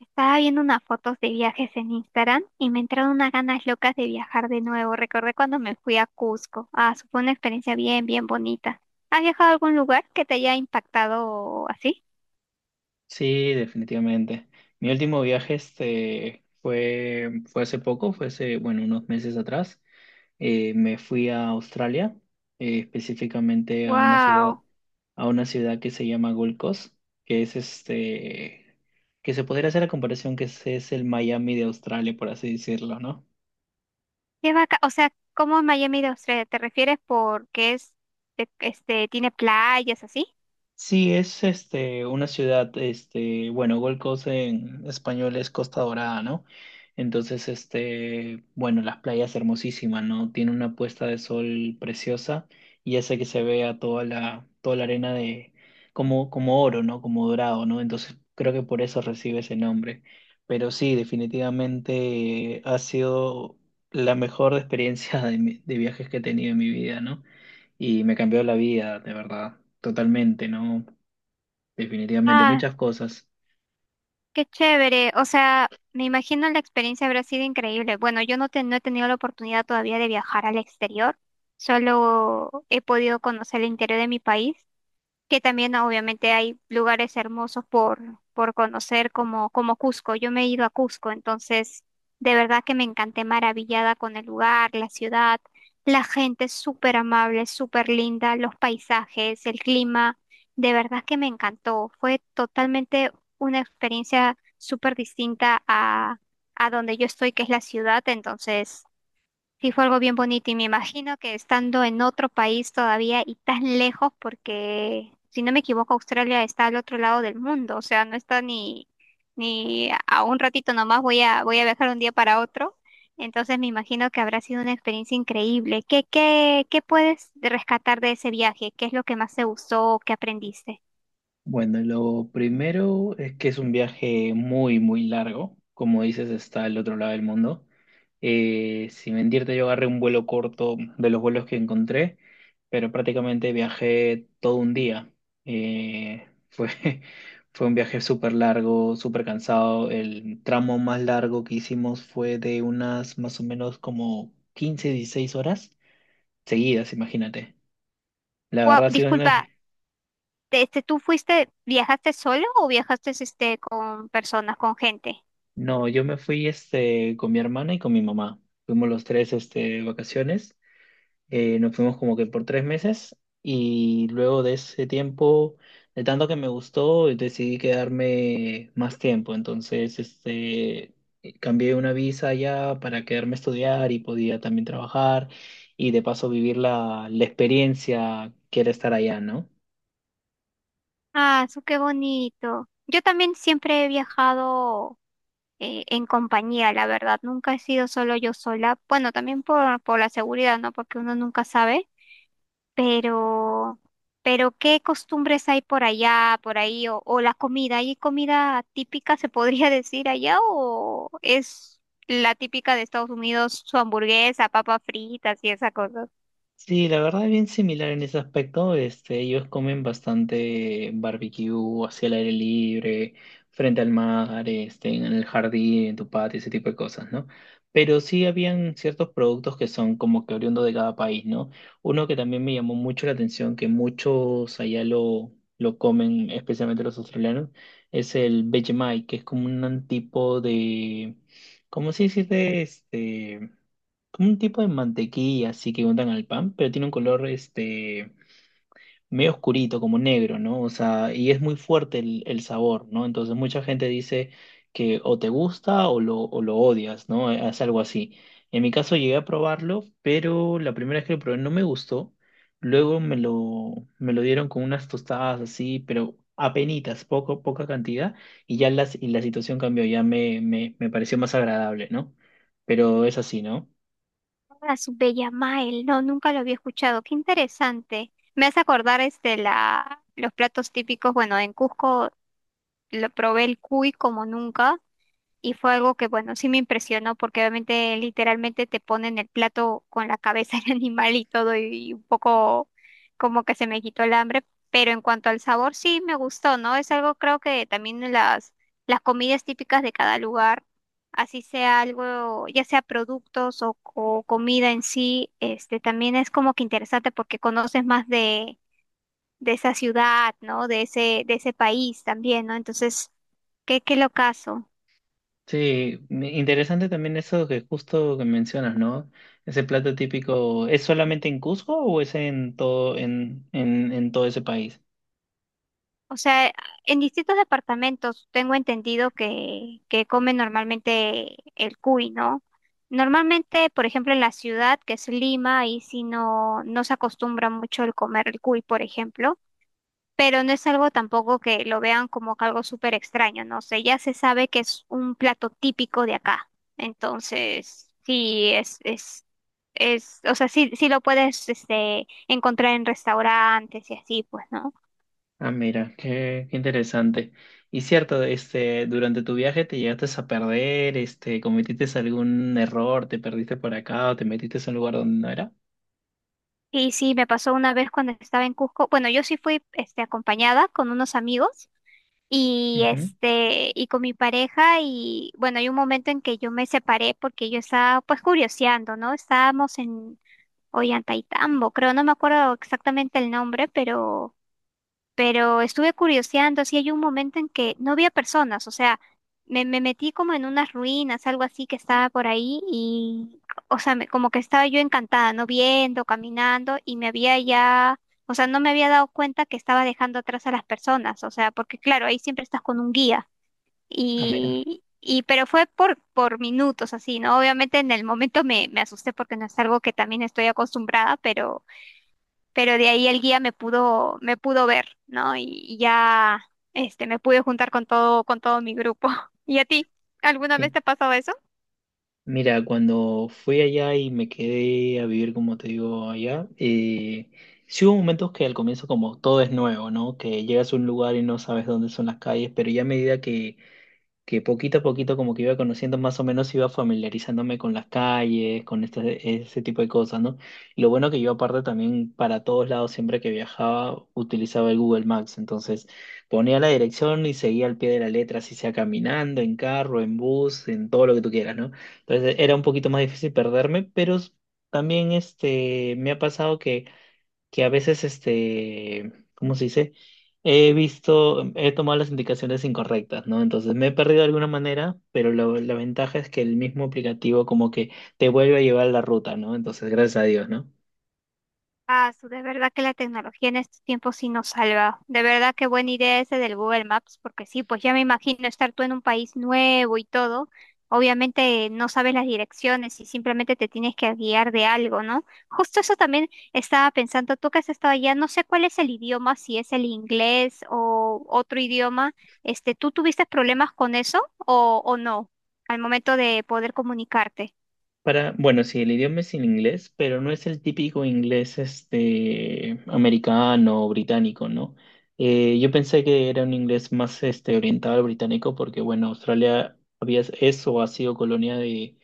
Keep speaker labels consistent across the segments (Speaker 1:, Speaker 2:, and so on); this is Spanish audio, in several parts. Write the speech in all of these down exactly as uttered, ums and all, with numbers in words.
Speaker 1: Estaba viendo unas fotos de viajes en Instagram y me entraron unas ganas locas de viajar de nuevo. Recordé cuando me fui a Cusco. Ah, eso fue una experiencia bien, bien bonita. ¿Has viajado a algún lugar que te haya impactado así?
Speaker 2: Sí, definitivamente. Mi último viaje este, fue, fue hace poco, fue hace, bueno, unos meses atrás. Eh, me fui a Australia, eh, específicamente a una ciudad,
Speaker 1: Wow,
Speaker 2: a una ciudad que se llama Gold Coast, que es este, que se podría hacer la comparación que es, es el Miami de Australia, por así decirlo, ¿no?
Speaker 1: qué vaca. O sea, ¿cómo Miami de Australia? ¿Te refieres porque es, de- este, tiene playas así?
Speaker 2: Sí, es este una ciudad, este, bueno, Gold Coast en español es Costa Dorada, ¿no? Entonces, este, bueno, las playas hermosísimas, ¿no? Tiene una puesta de sol preciosa y hace que se vea toda la, toda la arena de, como, como oro, ¿no? Como dorado, ¿no? Entonces, creo que por eso recibe ese nombre. Pero sí, definitivamente ha sido la mejor experiencia de, mi- de viajes que he tenido en mi vida, ¿no? Y me cambió la vida, de verdad, totalmente, ¿no? Definitivamente,
Speaker 1: Ah,
Speaker 2: muchas cosas.
Speaker 1: qué chévere. O sea, me imagino la experiencia habrá sido increíble. Bueno, yo no, te- no he tenido la oportunidad todavía de viajar al exterior, solo he podido conocer el interior de mi país, que también ah, obviamente hay lugares hermosos por, por conocer como, como Cusco. Yo me he ido a Cusco, entonces de verdad que me encanté maravillada con el lugar, la ciudad, la gente es súper amable, súper linda, los paisajes, el clima, de verdad que me encantó. Fue totalmente una experiencia súper distinta a, a donde yo estoy, que es la ciudad. Entonces sí, fue algo bien bonito y me imagino que estando en otro país todavía y tan lejos, porque si no me equivoco, Australia está al otro lado del mundo. O sea, no está ni, ni a un ratito nomás. Voy a, voy a viajar un día para otro. Entonces me imagino que habrá sido una experiencia increíble. ¿Qué, qué, qué puedes rescatar de ese viaje? ¿Qué es lo que más te gustó o qué aprendiste?
Speaker 2: Bueno, lo primero es que es un viaje muy, muy largo. Como dices, está al otro lado del mundo. Eh, sin mentirte, yo agarré un vuelo corto de los vuelos que encontré, pero prácticamente viajé todo un día. Eh, fue, fue un viaje súper largo, súper cansado. El tramo más largo que hicimos fue de unas más o menos como quince dieciséis horas seguidas, imagínate. La
Speaker 1: Guau,
Speaker 2: verdad, sí, no,
Speaker 1: disculpa, este, ¿tú fuiste, viajaste solo o viajaste este, con personas, con gente?
Speaker 2: No, yo me fui este, con mi hermana y con mi mamá. Fuimos los tres este, vacaciones. Eh, nos fuimos como que por tres meses y luego de ese tiempo, de tanto que me gustó, decidí quedarme más tiempo. Entonces, este, cambié una visa ya para quedarme a estudiar y podía también trabajar y de paso vivir la, la experiencia que era estar allá, ¿no?
Speaker 1: Ah, su qué bonito. Yo también siempre he viajado eh, en compañía, la verdad. Nunca he sido solo yo sola. Bueno, también por, por la seguridad, ¿no? Porque uno nunca sabe. Pero, pero ¿qué costumbres hay por allá, por ahí? O, o la comida. ¿Hay comida típica, se podría decir allá? ¿O es la típica de Estados Unidos, su hamburguesa, papas fritas y esa cosa?
Speaker 2: Sí, la verdad es bien similar en ese aspecto. Este, ellos comen bastante barbecue hacia el aire libre, frente al mar, este, en el jardín, en tu patio, ese tipo de cosas, ¿no? Pero sí habían ciertos productos que son como que oriundos de cada país, ¿no? Uno que también me llamó mucho la atención, que muchos allá lo, lo comen, especialmente los australianos, es el Vegemite, que es como un tipo de, ¿cómo se dice? Este como un tipo de mantequilla así que untan al pan, pero tiene un color este medio oscurito, como negro, ¿no? O sea, y es muy fuerte el, el sabor, ¿no? Entonces mucha gente dice que o te gusta o lo, o lo odias, ¿no? Eh, Es algo así. En mi caso llegué a probarlo, pero la primera vez que lo probé no me gustó. Luego me lo, me lo dieron con unas tostadas así, pero apenitas, poco, poca cantidad, y ya las, y la situación cambió, ya me, me, me pareció más agradable, ¿no? Pero es así, ¿no?
Speaker 1: Ah, su Bella Mael, no, nunca lo había escuchado. Qué interesante. Me hace acordar este la los platos típicos. Bueno, en Cusco lo probé el cuy como nunca. Y fue algo que, bueno, sí me impresionó porque obviamente literalmente te ponen el plato con la cabeza del animal y todo y un poco como que se me quitó el hambre, pero en cuanto al sabor sí me gustó, ¿no? Es algo, creo que también las, las comidas típicas de cada lugar, así sea algo, ya sea productos o, o comida en sí, este también es como que interesante porque conoces más de, de esa ciudad, ¿no? De ese, de ese país también, ¿no? Entonces, qué, qué locazo.
Speaker 2: Sí, me- interesante también eso que justo que mencionas, ¿no? Ese plato típico, ¿es solamente en Cusco o es en todo, en, en, en todo ese país?
Speaker 1: O sea, en distintos departamentos tengo entendido que, que comen normalmente el cuy, ¿no? Normalmente, por ejemplo, en la ciudad, que es Lima, ahí sí no, no se acostumbra mucho el comer el cuy, por ejemplo, pero no es algo tampoco que lo vean como que algo súper extraño, ¿no? O sea, ya se sabe que es un plato típico de acá. Entonces, sí, es, es, es, o sea, sí, sí lo puedes, este, encontrar en restaurantes y así, pues, ¿no?
Speaker 2: Ah, mira, qué, qué interesante. Y cierto, este, durante tu viaje te llegaste a perder, este, cometiste algún error, te perdiste por acá o te metiste en un lugar donde no era.
Speaker 1: Y sí, me pasó una vez cuando estaba en Cusco. Bueno, yo sí fui este, acompañada con unos amigos y,
Speaker 2: Ujú.
Speaker 1: este, y con mi pareja. Y bueno, hay un momento en que yo me separé porque yo estaba pues curioseando, ¿no? Estábamos en Ollantaytambo, creo, no me acuerdo exactamente el nombre, pero pero estuve curioseando. Así hay un momento en que no había personas, o sea, me, me metí como en unas ruinas, algo así que estaba por ahí y, o sea, me- como que estaba yo encantada, ¿no? Viendo, caminando y me había ya, o sea, no me había dado cuenta que estaba dejando atrás a las personas, o sea, porque claro, ahí siempre estás con un guía
Speaker 2: Ah, mira,
Speaker 1: y... Y pero fue por, por minutos así, ¿no? Obviamente en el momento me, me asusté porque no es algo que también estoy acostumbrada, pero, pero de ahí el guía me pudo, me pudo ver, ¿no? Y, y ya, este, me pude juntar con todo, con todo mi grupo. ¿Y a ti? ¿Alguna
Speaker 2: qué
Speaker 1: vez te ha pasado eso?
Speaker 2: Mira, cuando fui allá y me quedé a vivir, como te digo, allá, eh, sí hubo momentos que al comienzo como todo es nuevo, ¿no? Que llegas a un lugar y no sabes dónde son las calles, pero ya a medida que que poquito a poquito como que iba conociendo más o menos, iba familiarizándome con las calles, con este, ese tipo de cosas, ¿no? Y lo bueno que yo aparte también para todos lados, siempre que viajaba, utilizaba el Google Maps, entonces ponía la dirección y seguía al pie de la letra, si sea caminando, en carro, en bus, en todo lo que tú quieras, ¿no? Entonces era un poquito más difícil perderme, pero s- también este, me ha pasado que que a veces, este, ¿cómo se dice? He visto, em, he tomado las indicaciones incorrectas, ¿no? Entonces me he perdido de alguna manera, pero lo- la ventaja es que el mismo aplicativo como que te vuelve a llevar la ruta, ¿no? Entonces, gracias a Dios, ¿no?
Speaker 1: Ah, su- de verdad que la tecnología en estos tiempos sí nos salva. De verdad que buena idea ese del Google Maps, porque sí, pues ya me imagino estar tú en un país nuevo y todo. Obviamente no sabes las direcciones y simplemente te tienes que guiar de algo, ¿no? Justo eso también estaba pensando, tú que has estado allá, no sé cuál es el idioma, si es el inglés o otro idioma. Este, ¿tú tuviste problemas con eso o, o no al momento de poder comunicarte?
Speaker 2: Para, bueno, sí, el idioma es en inglés, pero no es el típico inglés, este, americano o británico, ¿no? Eh, yo pensé que era un inglés más, este, orientado al británico porque, bueno, Australia había, eso ha sido colonia de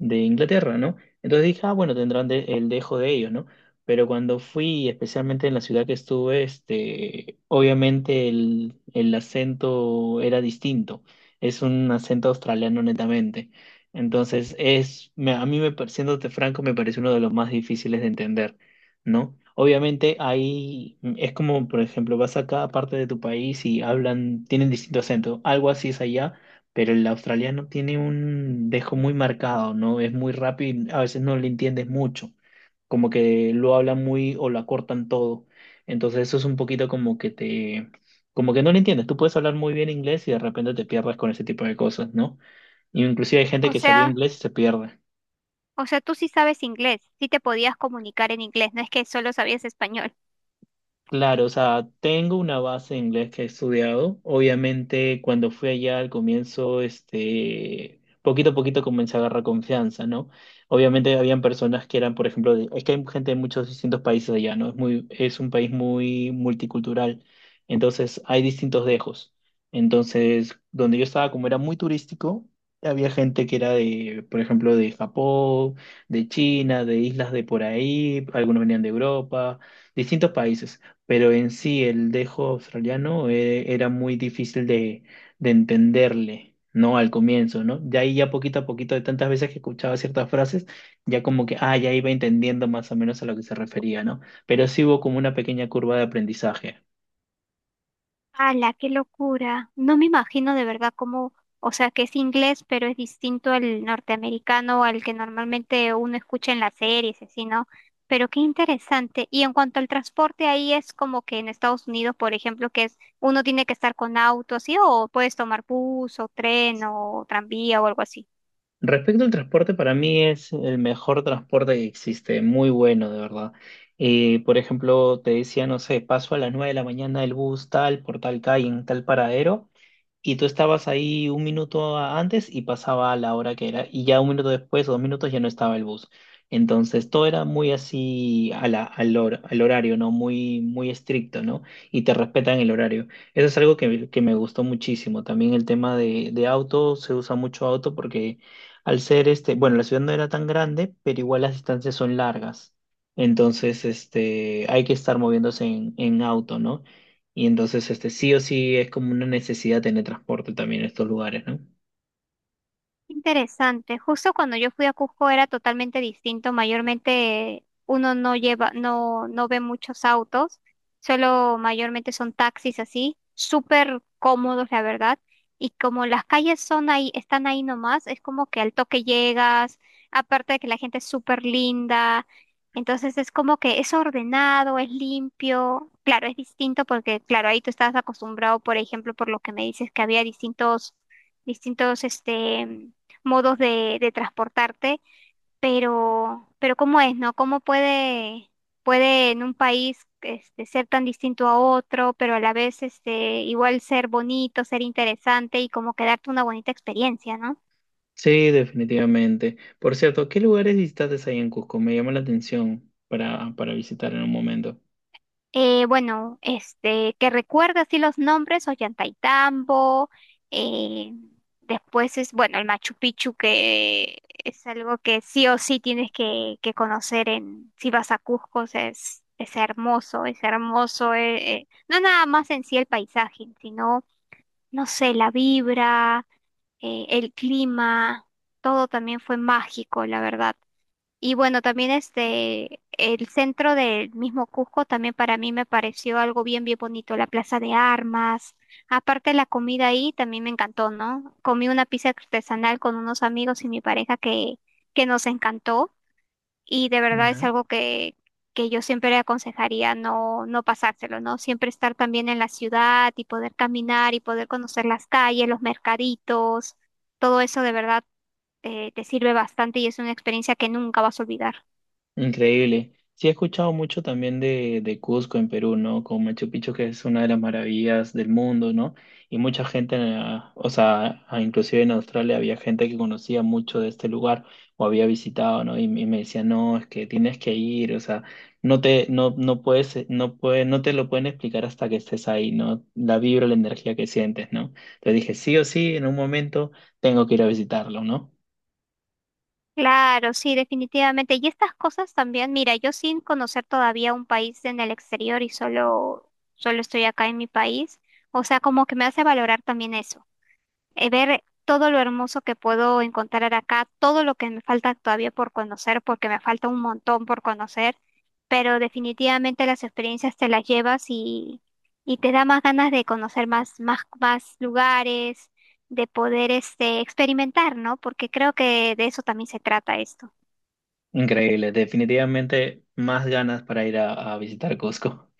Speaker 2: de Inglaterra, ¿no? Entonces dije, ah, bueno, tendrán de- el dejo de ellos, ¿no? Pero cuando fui, especialmente en la ciudad que estuve, este, obviamente el, el acento era distinto. Es un acento australiano netamente. Entonces, es, me- a mí, me, par- siéndote franco, me parece uno de los más difíciles de entender, ¿no? Obviamente ahí mm, es como, por ejemplo, vas a cada parte de tu país y hablan, tienen distinto acento. Algo así es allá, pero el australiano tiene un dejo muy marcado, ¿no? Es muy rápido y a veces no le entiendes mucho, como que lo hablan muy o lo acortan todo. Entonces eso es un poquito como que te, como que no lo entiendes. Tú puedes hablar muy bien inglés y de repente te pierdes con ese tipo de cosas, ¿no? Inclusive hay gente
Speaker 1: O
Speaker 2: que sabía
Speaker 1: sea...
Speaker 2: inglés y se pierde.
Speaker 1: O sea, tú sí sabes inglés, sí te podías comunicar en inglés, no es que solo sabías español.
Speaker 2: Claro, o sea, tengo una base en inglés que he estudiado. Obviamente, cuando fui allá al comienzo, este, poquito a poquito comencé a agarrar confianza, ¿no? Obviamente, habían personas que eran, por ejemplo, de- es que hay gente de muchos distintos países allá, ¿no? Es muy, es un país muy multicultural. Entonces, hay distintos dejos. Entonces, donde yo estaba, como era muy turístico, había gente que era de, por ejemplo, de Japón, de China, de islas de por ahí, algunos venían de Europa, distintos países, pero en sí el dejo australiano, eh, era muy difícil de, de entenderle, ¿no? Al comienzo, ¿no? De ahí ya poquito a poquito, de tantas veces que escuchaba ciertas frases, ya como que, ah, ya iba entendiendo más o menos a lo que se refería, ¿no? Pero sí hubo como una pequeña curva de aprendizaje.
Speaker 1: ¡Hala, qué locura! No me imagino de verdad cómo, o sea, que es inglés, pero es distinto al norteamericano, al que normalmente uno escucha en las series, así, ¿no? Pero qué interesante. Y en cuanto al transporte, ahí es como que en Estados Unidos, por ejemplo, que es uno tiene que estar con auto, así, o puedes tomar bus o tren o tranvía o algo así.
Speaker 2: Respecto al transporte, para mí es el mejor transporte que existe, muy bueno, de verdad. Eh, por ejemplo, te decía, no sé, paso a las nueve de la mañana el bus tal, por tal calle, en tal paradero, y tú estabas ahí un minuto a- antes y pasaba a la hora que era, y ya un minuto después o dos minutos ya no estaba el bus. Entonces todo era muy así a la, al, hor- al horario, ¿no? Muy, muy estricto, ¿no? Y te respetan el horario. Eso es algo que, me- que me gustó muchísimo. También el tema de, de auto, se usa mucho auto porque al ser este, bueno, la ciudad no era tan grande, pero igual las distancias son largas. Entonces, este, hay que estar moviéndose en, en auto, ¿no? Y entonces, este, sí o sí es como una necesidad tener transporte también en estos lugares, ¿no?
Speaker 1: Interesante. Justo cuando yo fui a Cusco era totalmente distinto. Mayormente uno no lleva, no, no ve muchos autos, solo mayormente son taxis así, súper cómodos, la verdad. Y como las calles son ahí, están ahí nomás, es como que al toque llegas, aparte de que la gente es súper linda. Entonces es como que es ordenado, es limpio. Claro, es distinto porque, claro, ahí tú estás acostumbrado, por ejemplo, por lo que me dices, que había distintos, distintos, este modos de, de transportarte, pero, pero ¿cómo es, no? ¿Cómo puede, puede en un país este, ser tan distinto a otro, pero a la vez este, igual ser bonito, ser interesante y como quedarte una bonita experiencia, ¿no?
Speaker 2: Sí, definitivamente. Por cierto, ¿qué lugares visitantes hay en Cusco? Me llama la atención para, para visitar en un momento.
Speaker 1: Eh, bueno, este, que recuerda así los nombres, Ollantaytambo, eh, después es, bueno, el Machu Picchu, que es algo que sí o sí tienes que, que conocer en, si vas a Cusco, o sea, es, es hermoso, es hermoso, eh, eh, no nada más en sí el paisaje, sino, no sé, la vibra, eh, el clima, todo también fue mágico, la verdad. Y bueno, también este, el centro del mismo Cusco también para mí me pareció algo bien, bien bonito, la plaza de armas. Aparte la comida ahí también me encantó, ¿no? Comí una pizza artesanal con unos amigos y mi pareja que, que nos encantó y de verdad es
Speaker 2: ¿Ya?
Speaker 1: algo que, que yo siempre le aconsejaría no, no pasárselo, ¿no? Siempre estar también en la ciudad y poder caminar y poder conocer las calles, los mercaditos, todo eso de verdad eh, te sirve bastante y es una experiencia que nunca vas a olvidar.
Speaker 2: Increíble. Sí, he escuchado mucho también de, de Cusco en Perú, ¿no? Con Machu Picchu, que es una de las maravillas del mundo, ¿no? Y mucha gente, eh, o sea, a- inclusive en Australia había gente que conocía mucho de este lugar o había visitado, ¿no? Y, me y me decía, no, es que tienes que ir, o sea, no te, no, no puedes, eh, no puede, no te lo pueden explicar hasta que estés ahí, ¿no? La vibra, la energía que sientes, ¿no? Entonces dije, sí o sí, en un momento tengo que ir a visitarlo, ¿no?
Speaker 1: Claro, sí, definitivamente. Y estas cosas también, mira, yo sin conocer todavía un país en el exterior y solo, solo estoy acá en mi país, o sea, como que me hace valorar también eso eh, ver todo lo hermoso que puedo encontrar acá, todo lo que me falta todavía por conocer, porque me falta un montón por conocer, pero definitivamente las experiencias te las llevas y, y te da más ganas de conocer más, más, más lugares, de poder este, experimentar, ¿no? Porque creo que de eso también se trata esto.
Speaker 2: Increíble, definitivamente más ganas para ir a, a visitar Cusco.